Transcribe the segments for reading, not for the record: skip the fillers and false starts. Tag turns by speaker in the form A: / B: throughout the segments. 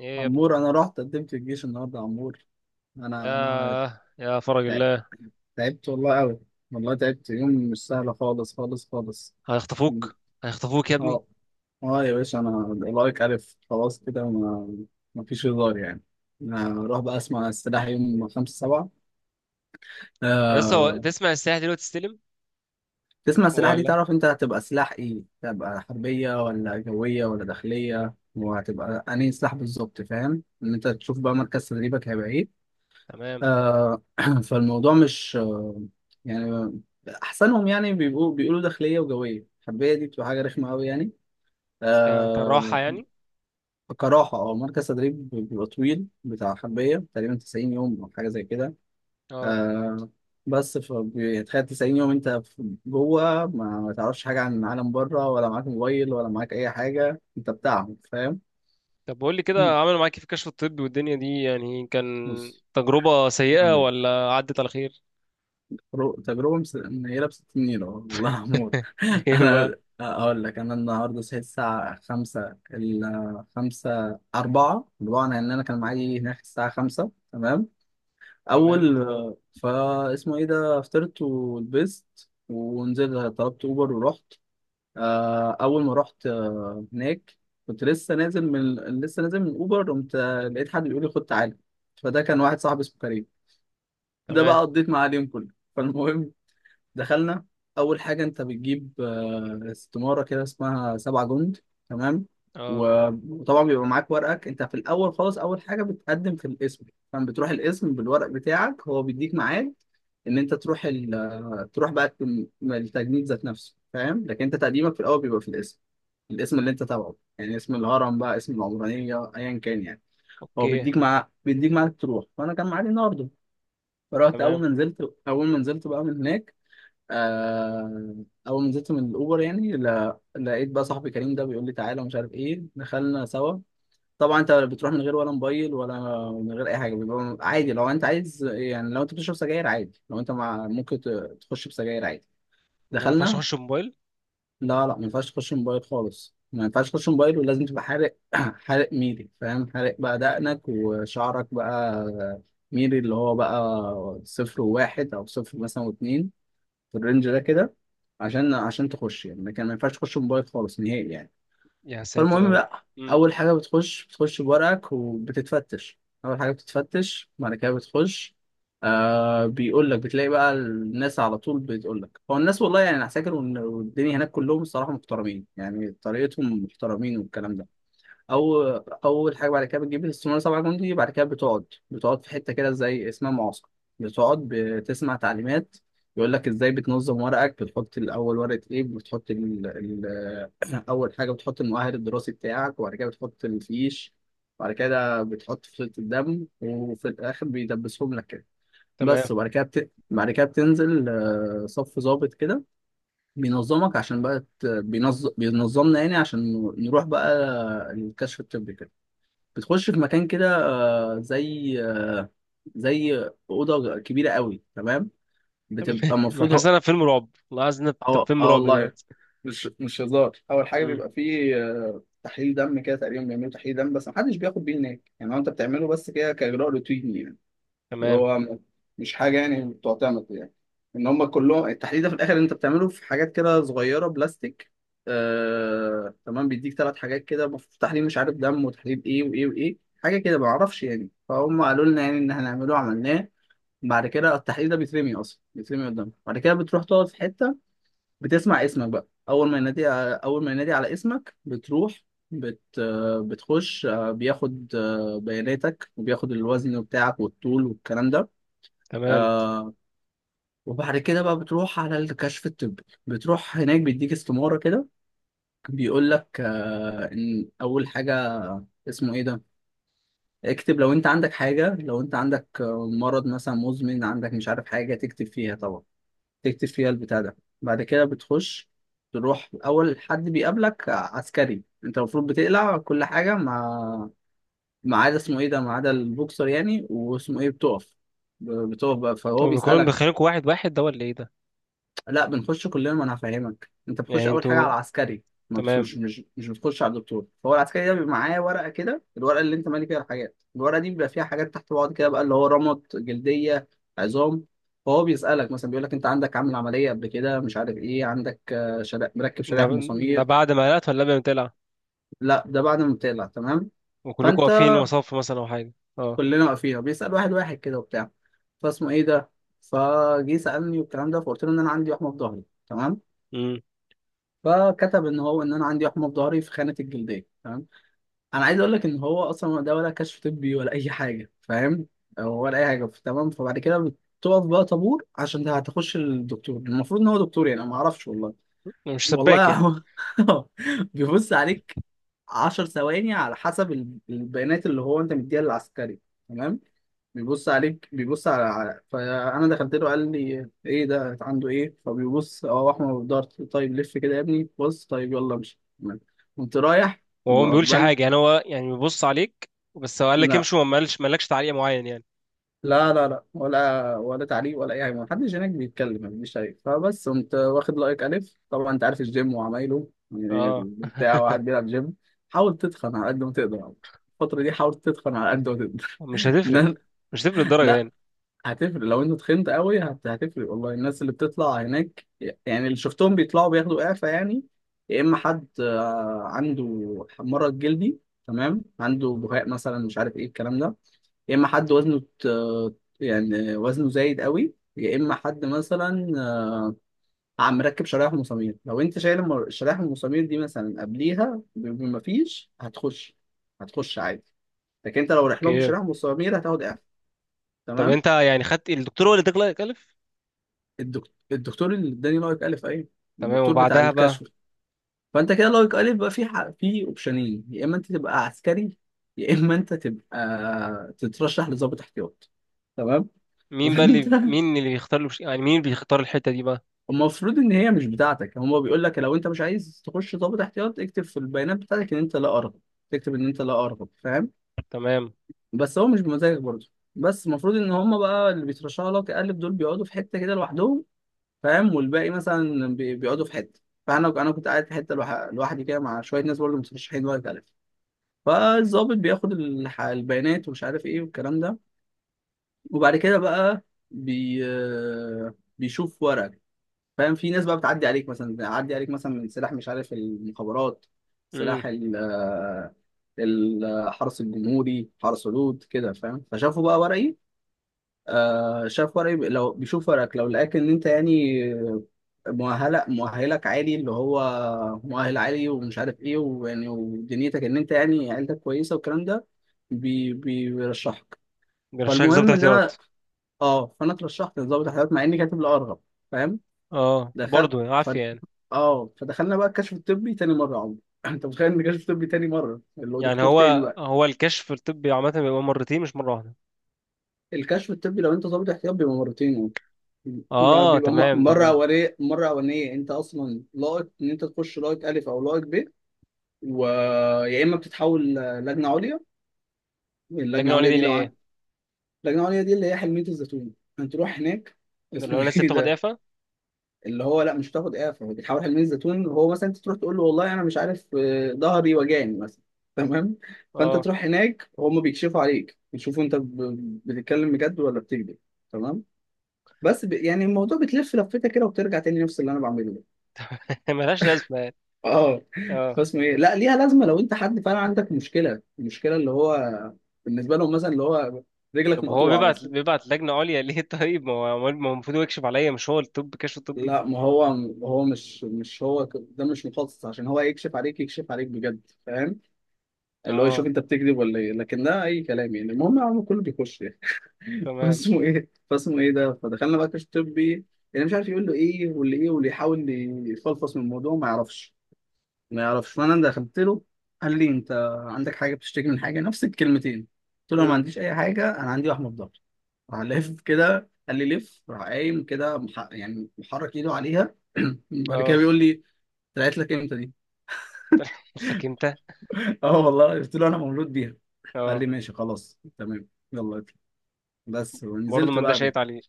A: ايه يا ابني.
B: عمور، انا رحت قدمت الجيش النهارده يا عمور. انا
A: يا
B: انا
A: يا فرج
B: تعبت.
A: الله.
B: تعبت والله قوي. والله تعبت يوم مش سهل، خالص خالص خالص.
A: هيخطفوك، هيخطفوك يا ابني.
B: اه اه يا باشا، انا لايك الف خلاص كده. ما فيش هزار يعني. انا اروح بقى اسمع السلاح يوم 5/7.
A: يا اسطى،
B: آه...
A: تسمع السلاح دلوقتي تستلم
B: تسمع السلاح دي
A: ولا؟
B: تعرف انت هتبقى سلاح ايه، هتبقى حربية ولا جوية ولا داخلية، وهتبقى انهي سلاح بالظبط، فاهم، ان انت تشوف بقى مركز تدريبك هيبقى ايه.
A: تمام.
B: آه، فالموضوع مش يعني احسنهم يعني بيبقوا بيقولوا داخليه وجويه، الحربيه دي بتبقى حاجه رخمه قوي يعني.
A: كان راحة
B: آه.
A: يعني.
B: كراحه اه، مركز تدريب بيبقى طويل بتاع حربيه تقريبا 90 يوم او حاجه زي كده.
A: اه،
B: آه. بس فبيتخيل 90 يوم انت جوه، ما تعرفش حاجه عن العالم بره، ولا معاك موبايل ولا معاك اي حاجه انت بتاعهم، فاهم.
A: طب بقول لي كده، عملوا معاك إيه في الكشف الطبي والدنيا دي؟ يعني كان
B: بص،
A: تجربة سيئة ولا عدت على خير؟
B: تجربة منيلة بستين نيلة والله يا عمور.
A: ليه بقى؟
B: أنا أقول لك، أنا النهاردة صحيت الساعة 5:44، لأن أنا كان معايا هناك الساعة 5 تمام أول.
A: تمام،
B: فا اسمه إيه ده، فطرت ولبست ونزلت، طلبت أوبر ورحت. أول ما رحت هناك، كنت لسه نازل من أوبر، قمت لقيت حد بيقول لي خد تعالى. فده كان واحد صاحبي اسمه كريم. ده بقى
A: تمام.
B: قضيت معاه اليوم كله. فالمهم، دخلنا. اول حاجه انت بتجيب استماره كده اسمها 7 جند، تمام.
A: اه،
B: و- وطبعا بيبقى معاك ورقك. انت في الاول خالص اول حاجه بتقدم في القسم، فاهم. بتروح القسم بالورق بتاعك، هو بيديك ميعاد ان انت تروح تروح بقى التجنيد ذات نفسه، فاهم. لكن انت تقديمك في الاول بيبقى في القسم، الاسم اللي انت تبعه يعني اسم الهرم بقى اسم العمرانيه ايا كان يعني. هو
A: اوكي،
B: بيديك، مع بيديك معاك تروح. فانا كان معايا النهارده. فرحت،
A: تمام.
B: اول ما نزلت بقى من هناك. آه، اول ما نزلت من الاوبر يعني، لقيت بقى صاحبي كريم ده بيقول لي تعالى ومش عارف ايه، دخلنا سوا. طبعا انت بتروح من غير ولا موبايل ولا، من غير اي حاجه. بيبقى عادي لو انت عايز يعني، لو انت بتشرب سجاير عادي، لو انت مع ممكن تخش بسجاير عادي.
A: ده ما ينفعش
B: دخلنا.
A: اخش موبايل؟
B: لا لا، ما ينفعش تخش موبايل خالص، ما ينفعش تخش موبايل ولازم تبقى حارق. حارق ميري فاهم، حارق بقى دقنك وشعرك بقى ميري، اللي هو بقى صفر وواحد، او صفر مثلا واتنين، في الرينج ده كده، عشان تخش يعني. ما ينفعش تخش موبايل خالص نهائي يعني.
A: يا ساتر يا
B: فالمهم
A: رب.
B: بقى،
A: امم،
B: اول حاجه بتخش بورقك وبتتفتش. اول حاجه بتتفتش، بعد كده بتخش. آه. بيقول لك، بتلاقي بقى الناس على طول بتقول لك، هو الناس والله يعني انا فاكر والدنيا هناك كلهم الصراحه محترمين يعني، طريقتهم محترمين والكلام ده. او اول حاجه بعد كده بتجيب الاستماره 7 جندي، بعد كده بتقعد في حته كده زي اسمها معسكر، بتقعد بتسمع تعليمات. يقول لك ازاي بتنظم ورقك، بتحط الاول ورقه ايه، بتحط اول حاجه بتحط المؤهل الدراسي بتاعك، وبعد كده بتحط الفيش، وبعد كده بتحط فصيله الدم، وفي الاخر بيدبسهم لك كده
A: تمام.
B: بس. وبعد كده بعد كده بتنزل، صف ظابط كده بينظمك عشان بقى بينظمنا يعني عشان نروح بقى الكشف الطبي كده. بتخش في مكان كده زي اوضه كبيره قوي تمام. بتبقى
A: ما أنا حاسس ان
B: المفروض.
A: انا في فيلم رعب، والله عايز إن أنا في
B: اه
A: فيلم
B: اه
A: رعب
B: والله،
A: دلوقتي.
B: مش هزار. اول حاجه
A: امم،
B: بيبقى فيه تحليل دم كده، تقريبا بيعملوا تحليل دم، بس محدش بياخد بيه هناك يعني، هو انت بتعمله بس كده كاجراء روتيني يعني. اللي
A: تمام،
B: هو مش حاجه يعني تعتمد يعني، ان هم كلهم التحليل ده في الاخر انت بتعمله في حاجات كده صغيره بلاستيك. تمام، بيديك ثلاث حاجات كده تحليل مش عارف دم، وتحليل ايه وايه وايه حاجه كده ما اعرفش يعني، فهم قالوا لنا يعني ان احنا هنعمله عملناه. بعد كده التحليل ده بيترمي اصلا، بيترمي قدامك. بعد كده بتروح تقعد في حته، بتسمع اسمك بقى. اول ما ينادي على اسمك بتروح، بت... آه، بتخش بياخد بياناتك، وبياخد الوزن بتاعك والطول والكلام ده.
A: تمام.
B: آه. وبعد كده بقى بتروح على الكشف الطبي، بتروح هناك بيديك استمارة كده، بيقول لك آه ان اول حاجة اسمه ايه ده، اكتب لو انت عندك حاجة، لو انت عندك مرض مثلا مزمن عندك مش عارف حاجة، تكتب فيها طبعا، تكتب فيها البتاع ده. بعد كده بتخش، تروح اول حد بيقابلك عسكري. انت المفروض بتقلع كل حاجة، ما عدا اسمه ايه ده، ما عدا البوكسر يعني، واسمه ايه، بتقف بقى، فهو
A: هو بيكونوا
B: بيسألك.
A: مدخلينكوا واحد واحد ده ولا ايه ده؟
B: لا، بنخش كلنا، ما انا هفهمك. انت بتخش
A: يعني
B: اول حاجه على
A: انتوا؟
B: عسكري، ما
A: تمام.
B: بتخش مش مش بتخش على الدكتور. فهو العسكري ده بيبقى معاه ورقه كده، الورقه اللي انت مالي فيها الحاجات، الورقه دي بيبقى فيها حاجات تحت بعض كده بقى اللي هو رمط جلديه، عظام. فهو بيسالك مثلا، بيقول لك انت عندك عامل عمليه قبل كده مش عارف ايه، عندك مركب
A: ده
B: شرايح
A: ده
B: مسامير.
A: بعد ما قلقت ولا قبل ما تقلع؟
B: لا ده بعد ما بتقلع تمام.
A: وكلكوا
B: فانت
A: واقفين وصف مثلا او حاجه؟ اه.
B: كلنا واقفين، بيسال واحد واحد كده وبتاع. فاسمه ايه ده، فجه سالني والكلام ده، فقلت له ان انا عندي وحمه في ظهري تمام.
A: امم.
B: فكتب ان هو ان انا عندي وحمه في ظهري في خانه الجلديه تمام. انا عايز اقول لك ان هو اصلا ده ولا كشف طبي ولا اي حاجه، فاهم، أو ولا اي حاجه تمام. فبعد كده بتقف بقى طابور عشان ده هتخش الدكتور. المفروض ان هو دكتور يعني، أنا ما اعرفش والله.
A: مش سباك
B: والله
A: يعني؟
B: هو بيبص عليك 10 ثواني على حسب البيانات اللي هو انت مديها للعسكري تمام. بيبص عليك، فانا دخلت له قال لي ايه ده عنده ايه، فبيبص، اه احمر في ضهر، طيب لف كده يا ابني، بص طيب يلا امشي. قمت رايح.
A: وهو ما بيقولش
B: بل
A: حاجه يعني؟ هو يعني بيبص عليك بس، هو قال لك
B: لا
A: امشي وما قالش، ما قالكش تعليق معين يعني؟
B: لا لا لا، ولا تعليق ولا اي حاجه، ما حدش هناك بيتكلم، ما فيش شيء. فبس قمت واخد لايك الف. طبعا انت عارف الجيم وعمايله يعني،
A: اه.
B: بتاع واحد بيلعب جيم. حاول تتخن على قد ما تقدر، الفتره دي حاول تتخن على قد ما تقدر.
A: مش هتفرق؟ مش هتفرق الدرجه
B: لا،
A: يعني؟
B: هتفرق. لو انت تخنت قوي هتفرق والله. الناس اللي بتطلع هناك يعني، اللي شفتهم بيطلعوا بياخدوا اعفاء يعني، يا اما حد عنده مرض جلدي تمام، عنده بهاق مثلا مش عارف ايه الكلام ده، يا اما حد وزنه يعني وزنه زايد قوي، يا اما حد مثلا عم مركب شرايح ومسامير. لو انت شايل الشرايح والمسامير دي مثلا قبليها بمفيش، هتخش هتخش عادي. لكن انت لو رايح لهم
A: اوكي.
B: بشرايح ومسامير هتاخد اعفاء
A: طب
B: تمام.
A: انت يعني خدت الدكتور هو اللي اداك كلف؟
B: الدكتور اللي اداني لايك الف، ايوه،
A: تمام،
B: الدكتور بتاع
A: وبعدها بقى؟
B: الكشف. فانت كده لايك الف بقى، في في اوبشنين، يا اما انت تبقى عسكري، يا اما انت تبقى تترشح لضابط احتياط تمام.
A: مين بقى
B: فانت
A: اللي مين اللي بيختار له- يعني مين اللي بيختار الحته دي بقى؟
B: المفروض ان هي مش بتاعتك، هما بيقول لك لو انت مش عايز تخش ضابط احتياط اكتب في البيانات بتاعتك ان انت لا ارغب، تكتب ان انت لا ارغب فاهم.
A: تمام.
B: بس هو مش بمزاجك برضه. بس المفروض ان هما بقى اللي بيترشحوا لك الف دول بيقعدوا في حته كده لوحدهم فاهم، والباقي مثلا بيقعدوا في حته. فانا كنت قاعد في حته لوحدي كده مع شويه ناس برضه مترشحين ولا تعرف. فالظابط بياخد البيانات ومش عارف ايه والكلام ده، وبعد كده بقى بي بيشوف ورقك فاهم. في ناس بقى بتعدي عليك، مثلا من سلاح مش عارف المخابرات،
A: امم.
B: سلاح الحرس الجمهوري، حرس حدود كده فاهم. فشافوا بقى ورقي، آه شاف ورقي، لو بيشوف ورقك لو لقاك ان انت يعني مؤهلك عالي اللي هو مؤهل عالي ومش عارف ايه ويعني ودنيتك ان انت يعني عيلتك كويسه والكلام ده، بي بي بيرشحك.
A: بيرشحك ضابط
B: فالمهم ان انا،
A: احتياط؟
B: اه فانا اترشحت لضابط الحيوانات مع اني كاتب الارغب فاهم.
A: اه،
B: دخل.
A: برضه يعني
B: ف...
A: عافيه يعني.
B: اه فدخلنا بقى الكشف الطبي تاني مره يا عمرو. انت متخيل ان الكشف الطبي تاني مره، اللي هو
A: يعني
B: دكتور تاني
A: هو
B: بقى.
A: هو الكشف الطبي عامة بيبقى مرتين مش مرة واحدة؟
B: الكشف الطبي لو انت ضابط احتياط بيبقى مرتين. لا،
A: اه،
B: بيبقى
A: تمام،
B: مره
A: تمام.
B: اوليه، مره اولانيه انت اصلا لائق ان انت تخش، لائق الف او لائق ب، ويا اما بتتحول لجنه عليا.
A: لكن
B: اللجنه
A: هو
B: العليا
A: دي
B: دي لو
A: ليه؟
B: عن... اللجنه العليا دي اللي هي حلميه الزيتون، انت تروح هناك.
A: ده اللي هو
B: اسمه
A: الناس اللي
B: ايه
A: بتاخد
B: ده،
A: اعفاء؟
B: اللي هو لا مش هتاخد اعفاء، هو بيتحول حلميه الزيتون، وهو مثلا انت تروح تقول له والله انا مش عارف، ظهري وجعني مثلا تمام. فانت
A: اه.
B: تروح هناك، وهم بيكشفوا عليك بيشوفوا انت بتتكلم بجد ولا بتكذب تمام. بس يعني الموضوع بتلف لفتة كده وبترجع تاني نفس اللي انا بعمله.
A: ملهاش لازمة يعني.
B: اه.
A: اه.
B: فاسمه ايه، لا ليها لازمه لو انت حد فعلا عندك مشكله، المشكله اللي هو بالنسبه لهم مثلا اللي هو رجلك
A: طب هو
B: مقطوعه
A: بيبعت
B: مثلا.
A: بيبعت لجنة عليا ليه؟ طيب، ما هو المفروض هو يكشف عليا؟ مش هو الطب كشف الطبي؟
B: لا ما هو، هو مش هو ده مش مخصص عشان هو يكشف عليك، يكشف عليك بجد فاهم، اللي هو يشوف
A: اه،
B: انت بتكذب ولا ايه، لكن ده اي كلام يعني، المهم يا عم كله بيخش يعني.
A: تمام.
B: فاسمه ايه، فاسمه ايه ده فدخلنا بقى كشف طبي. يعني مش عارف يقول له ايه واللي ايه واللي يحاول يفلفص من الموضوع ما يعرفش، ما يعرفش. فانا ده دخلت له، قال لي انت عندك حاجه بتشتكي من حاجه نفس الكلمتين. قلت له أنا ما
A: امم.
B: عنديش اي حاجه، انا عندي وحمه في ضهري. راح لف كده قال لي لف، راح قايم كده يعني محرك ايده عليها. بعد كده
A: اه.
B: بيقول لي طلعت لك امتى دي.
A: قلت لك انت.
B: اه والله قلت له انا مولود بيها. قال
A: اه،
B: لي ماشي خلاص تمام يلا اطلع بس،
A: برضه
B: ونزلت
A: ما اداش
B: بقى
A: شيط
B: به.
A: عليه.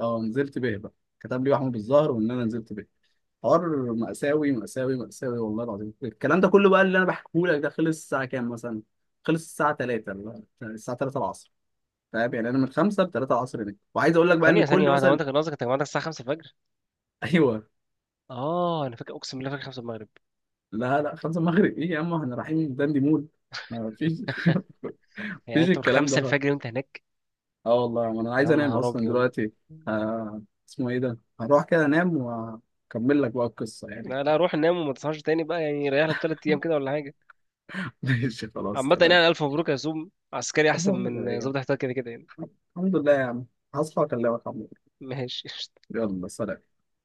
B: اه نزلت به بقى، كتب لي وحمه بالظهر وان انا نزلت به. حوار مأساوي مأساوي مأساوي والله العظيم. الكلام ده كله بقى اللي انا بحكيه لك ده خلص الساعة كام مثلا؟ خلص الساعة 3، الساعة 3 العصر فاهم، يعني انا من 5 ل 3 العصر هناك. وعايز اقول لك بقى ان
A: ثانية
B: كل
A: واحدة، هو
B: مثلا.
A: انت كان قصدك انت جمعتك الساعة 5 الفجر؟
B: ايوه.
A: اه انا فاكر، اقسم بالله فاكر 5 المغرب.
B: لا لا، 5 المغرب ايه يا عم، احنا رايحين داندي مول، ما فيش.
A: يعني
B: مفيش
A: انت من
B: الكلام
A: 5
B: ده.
A: الفجر وانت هناك؟
B: اه والله انا عايز
A: يا
B: انام
A: نهار
B: اصلا
A: ابيض.
B: دلوقتي. آه، اسمه ايه ده، هروح كده انام واكمل لك بقى القصه يعني.
A: لا لا، روح نام وما تصحاش تاني بقى، يعني ريح لك تلات ايام كده ولا حاجه.
B: ماشي خلاص
A: عامه
B: تمام.
A: يعني، الف مبروك يا سوم، عسكري احسن
B: المهم كده
A: من
B: إيه.
A: ظابط احتياط كده كده يعني.
B: الحمد لله يا عم، هصحى اكلمك عم.
A: ماشي.
B: يلا سلام.